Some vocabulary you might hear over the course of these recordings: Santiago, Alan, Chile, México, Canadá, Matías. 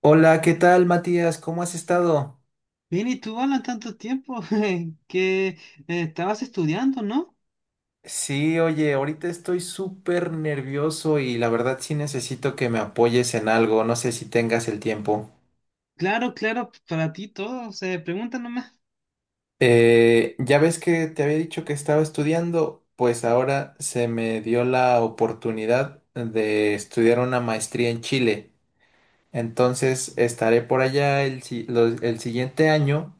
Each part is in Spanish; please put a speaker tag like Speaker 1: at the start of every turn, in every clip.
Speaker 1: Hola, ¿qué tal, Matías? ¿Cómo has estado?
Speaker 2: Bien, ¿y tú, Alan? Tanto tiempo que estabas estudiando, ¿no?
Speaker 1: Sí, oye, ahorita estoy súper nervioso y la verdad sí necesito que me apoyes en algo, no sé si tengas el tiempo.
Speaker 2: Claro, claro, para ti todo, se pregunta nomás.
Speaker 1: Ya ves que te había dicho que estaba estudiando, pues ahora se me dio la oportunidad de estudiar una maestría en Chile. Entonces estaré por allá el, si- los- el siguiente año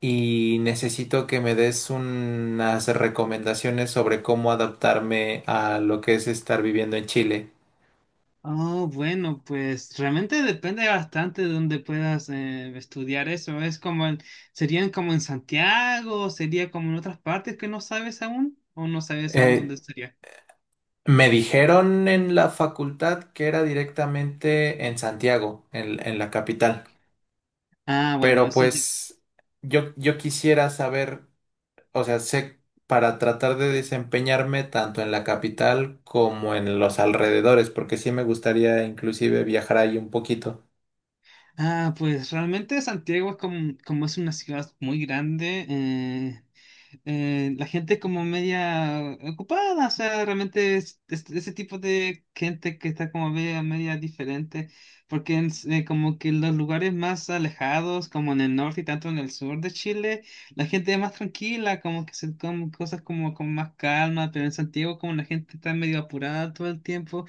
Speaker 1: y necesito que me des unas recomendaciones sobre cómo adaptarme a lo que es estar viviendo en Chile.
Speaker 2: Oh, bueno, pues realmente depende bastante de dónde puedas estudiar eso. Es como serían como en Santiago, o sería como en otras partes que no sabes aún, o no sabes aún
Speaker 1: Eh,
Speaker 2: dónde sería.
Speaker 1: Me dijeron en la facultad que era directamente en Santiago, en la capital,
Speaker 2: Ah, bueno,
Speaker 1: pero
Speaker 2: eso ya-
Speaker 1: pues yo quisiera saber, o sea, sé, para tratar de desempeñarme tanto en la capital como en los alrededores, porque sí me gustaría inclusive viajar ahí un poquito.
Speaker 2: Ah, pues realmente Santiago es como es una ciudad muy grande, la gente es como media ocupada. O sea, realmente es ese tipo de gente que está como media, media diferente, porque como que en los lugares más alejados, como en el norte y tanto en el sur de Chile, la gente es más tranquila, como que se comen cosas como con más calma, pero en Santiago como la gente está medio apurada todo el tiempo.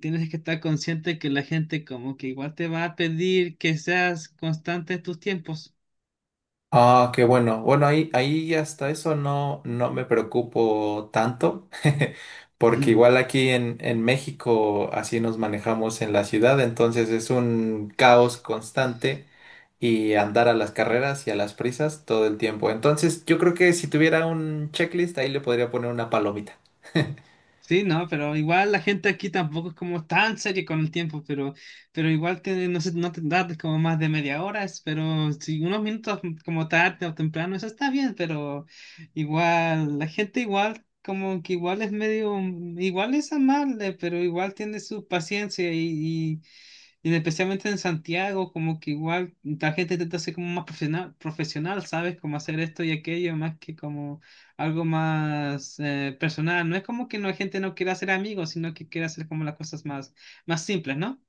Speaker 2: Tienes que estar consciente que la gente como que igual te va a pedir que seas constante en tus tiempos.
Speaker 1: Ah, qué bueno. Bueno, ahí hasta eso no, no me preocupo tanto, porque igual aquí en México así nos manejamos en la ciudad, entonces es un caos constante y andar a las carreras y a las prisas todo el tiempo. Entonces yo creo que si tuviera un checklist ahí le podría poner una palomita.
Speaker 2: Sí, no, pero igual la gente aquí tampoco es como tan seria con el tiempo, pero igual te, no sé, no te tardes como más de media hora. Pero si unos minutos como tarde o temprano, eso está bien, pero igual, la gente igual, como que igual es medio, igual es amable, pero igual tiene su paciencia y, especialmente en Santiago, como que igual la gente intenta ser como más profesional, profesional, ¿sabes? Como hacer esto y aquello, más que como algo más personal. No es como que la gente no quiera hacer amigos, sino que quiere hacer como las cosas más, más simples, ¿no?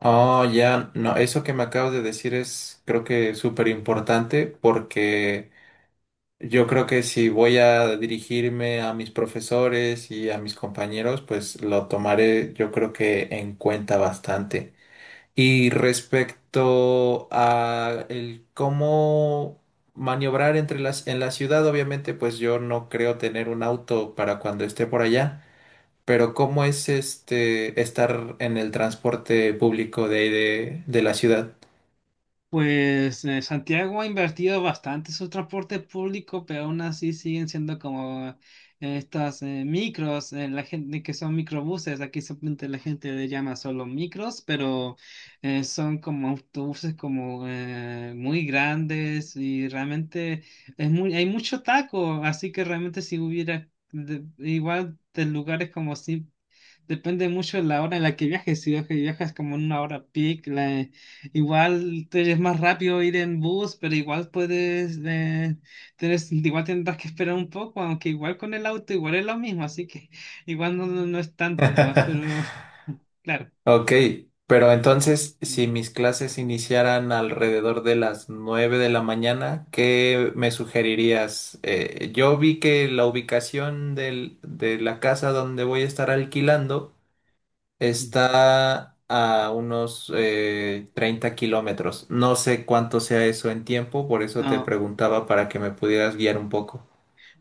Speaker 1: Oh, ya, no, eso que me acabas de decir es, creo que, súper importante porque... Yo creo que si voy a dirigirme a mis profesores y a mis compañeros, pues lo tomaré, yo creo, que en cuenta bastante. Y respecto a el cómo maniobrar entre las en la ciudad, obviamente, pues yo no creo tener un auto para cuando esté por allá, pero ¿cómo es este estar en el transporte público de ahí de la ciudad?
Speaker 2: Pues Santiago ha invertido bastante en su transporte público, pero aún así siguen siendo como estas micros, la gente que son microbuses. Aquí simplemente la gente le llama solo micros, pero son como autobuses como muy grandes. Y realmente es muy, hay mucho taco, así que realmente si hubiera igual de lugares como si... Depende mucho de la hora en la que viajes. Si viajas como en una hora peak, igual te es más rápido ir en bus, pero igual puedes, igual tendrás que esperar un poco, aunque igual con el auto igual es lo mismo, así que igual no es tanto, pero claro.
Speaker 1: Ok, pero entonces, si mis clases iniciaran alrededor de las 9 de la mañana, ¿qué me sugerirías? Yo vi que la ubicación de la casa donde voy a estar alquilando está a unos 30 kilómetros. No sé cuánto sea eso en tiempo, por eso te
Speaker 2: No.
Speaker 1: preguntaba para que me pudieras guiar un poco.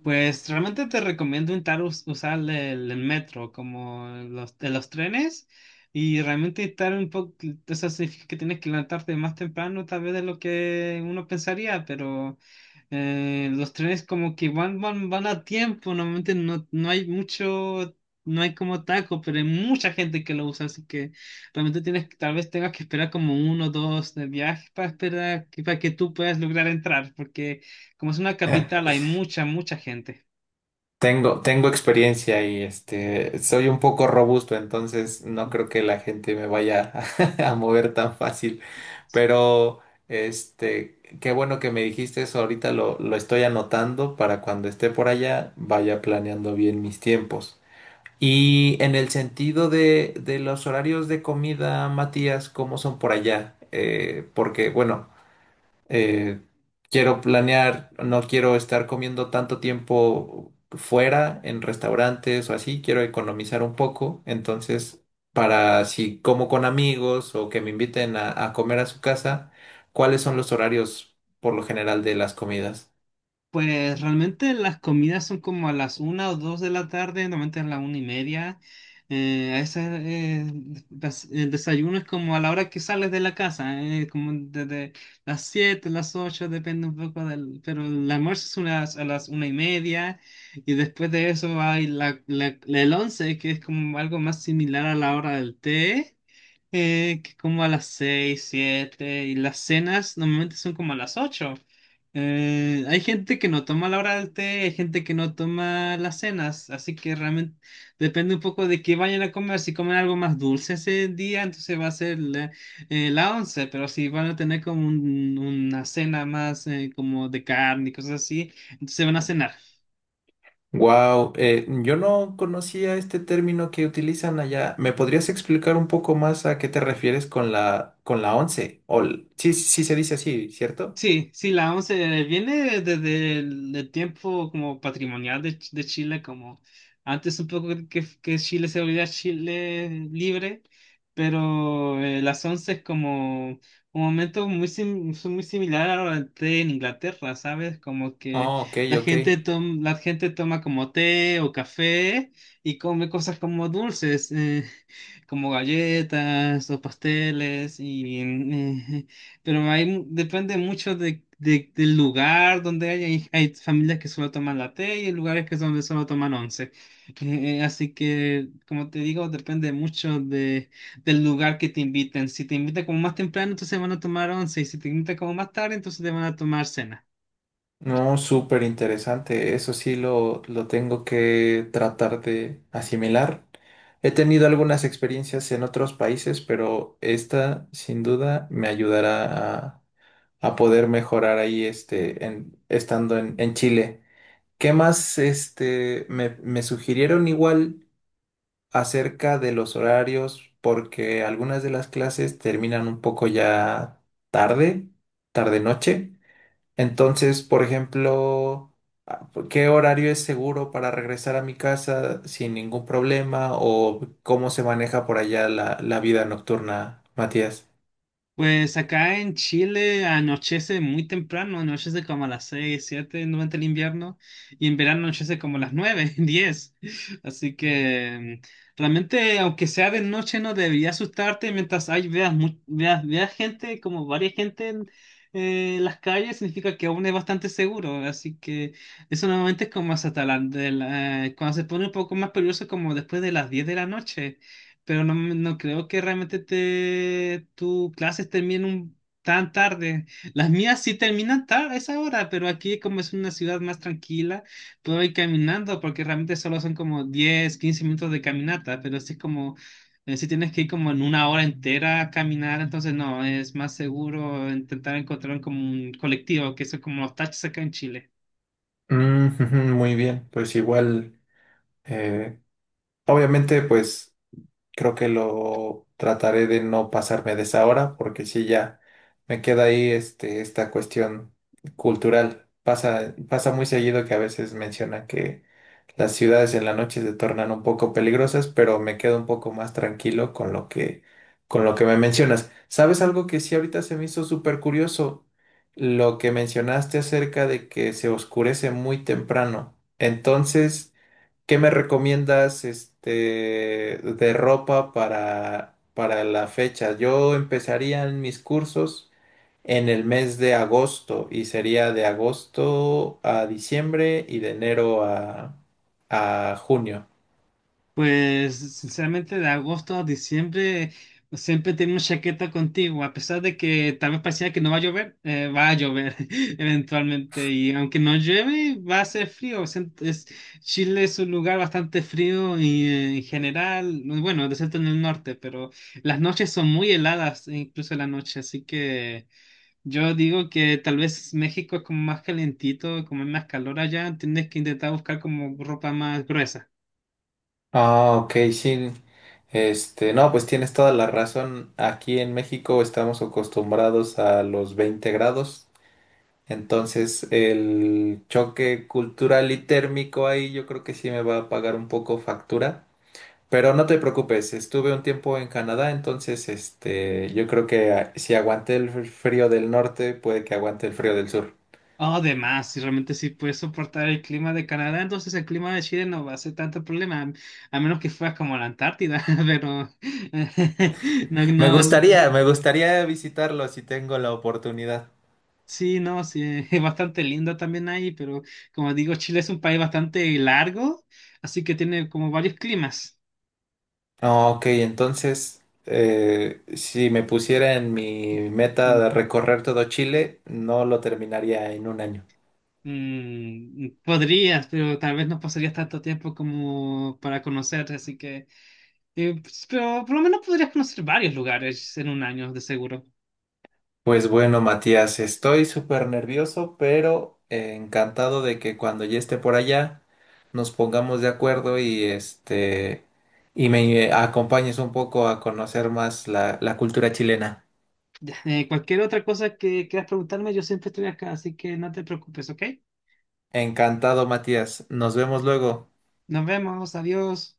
Speaker 2: Pues realmente te recomiendo intentar usar el metro como de los trenes y realmente estar un poco. Eso significa que tienes que levantarte más temprano tal vez de lo que uno pensaría, pero los trenes como que van a tiempo, normalmente no hay mucho, no hay como taco, pero hay mucha gente que lo usa. Así que realmente tienes, tal vez tengas que esperar como uno o dos de viajes para esperar, para que tú puedas lograr entrar, porque como es una capital, hay mucha, mucha gente.
Speaker 1: Tengo experiencia y este, soy un poco robusto, entonces no creo que la gente me vaya a mover tan fácil. Pero este, qué bueno que me dijiste eso, ahorita lo estoy anotando para cuando esté por allá vaya planeando bien mis tiempos. Y en el sentido de los horarios de comida, Matías, ¿cómo son por allá? Porque, bueno, eh, quiero planear, no quiero estar comiendo tanto tiempo fuera en restaurantes o así, quiero economizar un poco, entonces para si como con amigos o que me inviten a comer a su casa, ¿cuáles son los horarios por lo general de las comidas?
Speaker 2: Pues realmente las comidas son como a las una o dos de la tarde, normalmente a las 1:30. A veces, el desayuno es como a la hora que sales de la casa, como desde las siete, las ocho, depende un poco del. Pero el almuerzo es unas, a las 1:30 y después de eso hay el once, que es como algo más similar a la hora del té. Que como a las 6 7 y las cenas normalmente son como a las ocho. Hay gente que no toma la hora del té, hay gente que no toma las cenas, así que realmente depende un poco de qué vayan a comer. Si comen algo más dulce ese día, entonces va a ser la once, pero si van a tener como una cena más como de carne y cosas así, entonces van a cenar.
Speaker 1: Wow, yo no conocía este término que utilizan allá. ¿Me podrías explicar un poco más a qué te refieres con la, con la once? O l- sí, sí se dice así, ¿cierto?
Speaker 2: Sí, sí, la 11 viene desde el tiempo como patrimonial de Chile, como antes un poco que Chile se volvía Chile libre, pero las 11 es como un momento muy, son muy similar a lo del té en Inglaterra, ¿sabes? Como que
Speaker 1: Oh, ok,
Speaker 2: la
Speaker 1: ok.
Speaker 2: gente, la gente toma como té o café y come cosas como dulces, como galletas o pasteles y... pero hay, depende mucho del lugar donde hay familias que solo toman latte y hay lugares que donde solo toman once. Eh, así que, como te digo, depende mucho del lugar que te inviten. Si te invitan como más temprano, entonces van a tomar once. Y si te invitan como más tarde, entonces te van a tomar cena.
Speaker 1: No, súper interesante. Eso sí lo tengo que tratar de asimilar. He tenido algunas experiencias en otros países, pero esta sin duda me ayudará a poder mejorar ahí este, estando en Chile. ¿Qué más este, me sugirieron igual acerca de los horarios? Porque algunas de las clases terminan un poco ya tarde, tarde-noche. Entonces, por ejemplo, ah, ¿qué horario es seguro para regresar a mi casa sin ningún problema? ¿O cómo se maneja por allá la vida nocturna, Matías?
Speaker 2: Pues acá en Chile anochece muy temprano, anochece como a las 6, 7 durante el invierno y en verano anochece como a las 9, 10. Así que realmente, aunque sea de noche, no debería asustarte mientras hay, veas, mu- veas, veas gente, como varias gente en las calles, significa que aún es bastante seguro. Así que eso normalmente es como hasta la- de la- cuando se pone un poco más peligroso, como después de las 10 de la noche. Pero no, no creo que realmente te, tus clases terminen tan tarde. Las mías sí terminan tarde a esa hora, pero aquí como es una ciudad más tranquila, puedo ir caminando porque realmente solo son como 10 o 15 minutos de caminata, pero sí es como, si tienes que ir como en una hora entera a caminar, entonces no, es más seguro intentar encontrar como un colectivo, que son como los taxis acá en Chile.
Speaker 1: Mm, muy bien, pues igual, eh, obviamente, pues. Creo que lo trataré de no pasarme de esa hora, porque si ya me queda ahí este, esta cuestión cultural. Pasa muy seguido que a veces mencionan que las ciudades en la noche se tornan un poco peligrosas, pero me quedo un poco más tranquilo con lo que me mencionas. ¿Sabes algo que sí ahorita se me hizo súper curioso? Lo que mencionaste acerca de que se oscurece muy temprano. Entonces... ¿Qué me recomiendas este de ropa para la fecha? Yo empezaría en mis cursos en el mes de agosto y sería de agosto a diciembre y de enero a junio.
Speaker 2: Pues sinceramente de agosto a diciembre siempre tenemos chaqueta contigo, a pesar de que tal vez pareciera que no va a llover, va a llover eventualmente, y aunque no llueve va a ser frío. O sea, Chile es un lugar bastante frío y en general, bueno, excepto en el norte, pero las noches son muy heladas, e incluso la noche, así que... Yo digo que tal vez México es como más calentito, como es más calor allá, tienes que intentar buscar como ropa más gruesa.
Speaker 1: Ah, ok, sí. Este, no, pues tienes toda la razón. Aquí en México estamos acostumbrados a los 20 grados. Entonces, el choque cultural y térmico ahí yo creo que sí me va a pagar un poco factura. Pero no te preocupes, estuve un tiempo en Canadá, entonces este, yo creo que ah, si aguanté el frío del norte, puede que aguante el frío del sur.
Speaker 2: Oh, de más, si realmente sí puedes soportar el clima de Canadá, entonces el clima de Chile no va a ser tanto problema, a menos que fueras como a la Antártida, pero no, no, eso sí,
Speaker 1: Me gustaría visitarlo si tengo la oportunidad.
Speaker 2: sí, no, sí, es bastante lindo también ahí, pero como digo, Chile es un país bastante largo, así que tiene como varios climas.
Speaker 1: Ah, ok, entonces, si me pusiera en mi meta
Speaker 2: Mm.
Speaker 1: de recorrer todo Chile, no lo terminaría en un año.
Speaker 2: Podrías, pero tal vez no pasarías tanto tiempo como para conocer, así que, pues, pero por lo menos podrías conocer varios lugares en un año, de seguro.
Speaker 1: Pues bueno, Matías, estoy súper nervioso, pero encantado de que cuando ya esté por allá nos pongamos de acuerdo y este y me acompañes un poco a conocer más la cultura chilena.
Speaker 2: Cualquier otra cosa que quieras preguntarme, yo siempre estoy acá, así que no te preocupes, ¿ok?
Speaker 1: Encantado, Matías. Nos vemos luego.
Speaker 2: Nos vemos, adiós.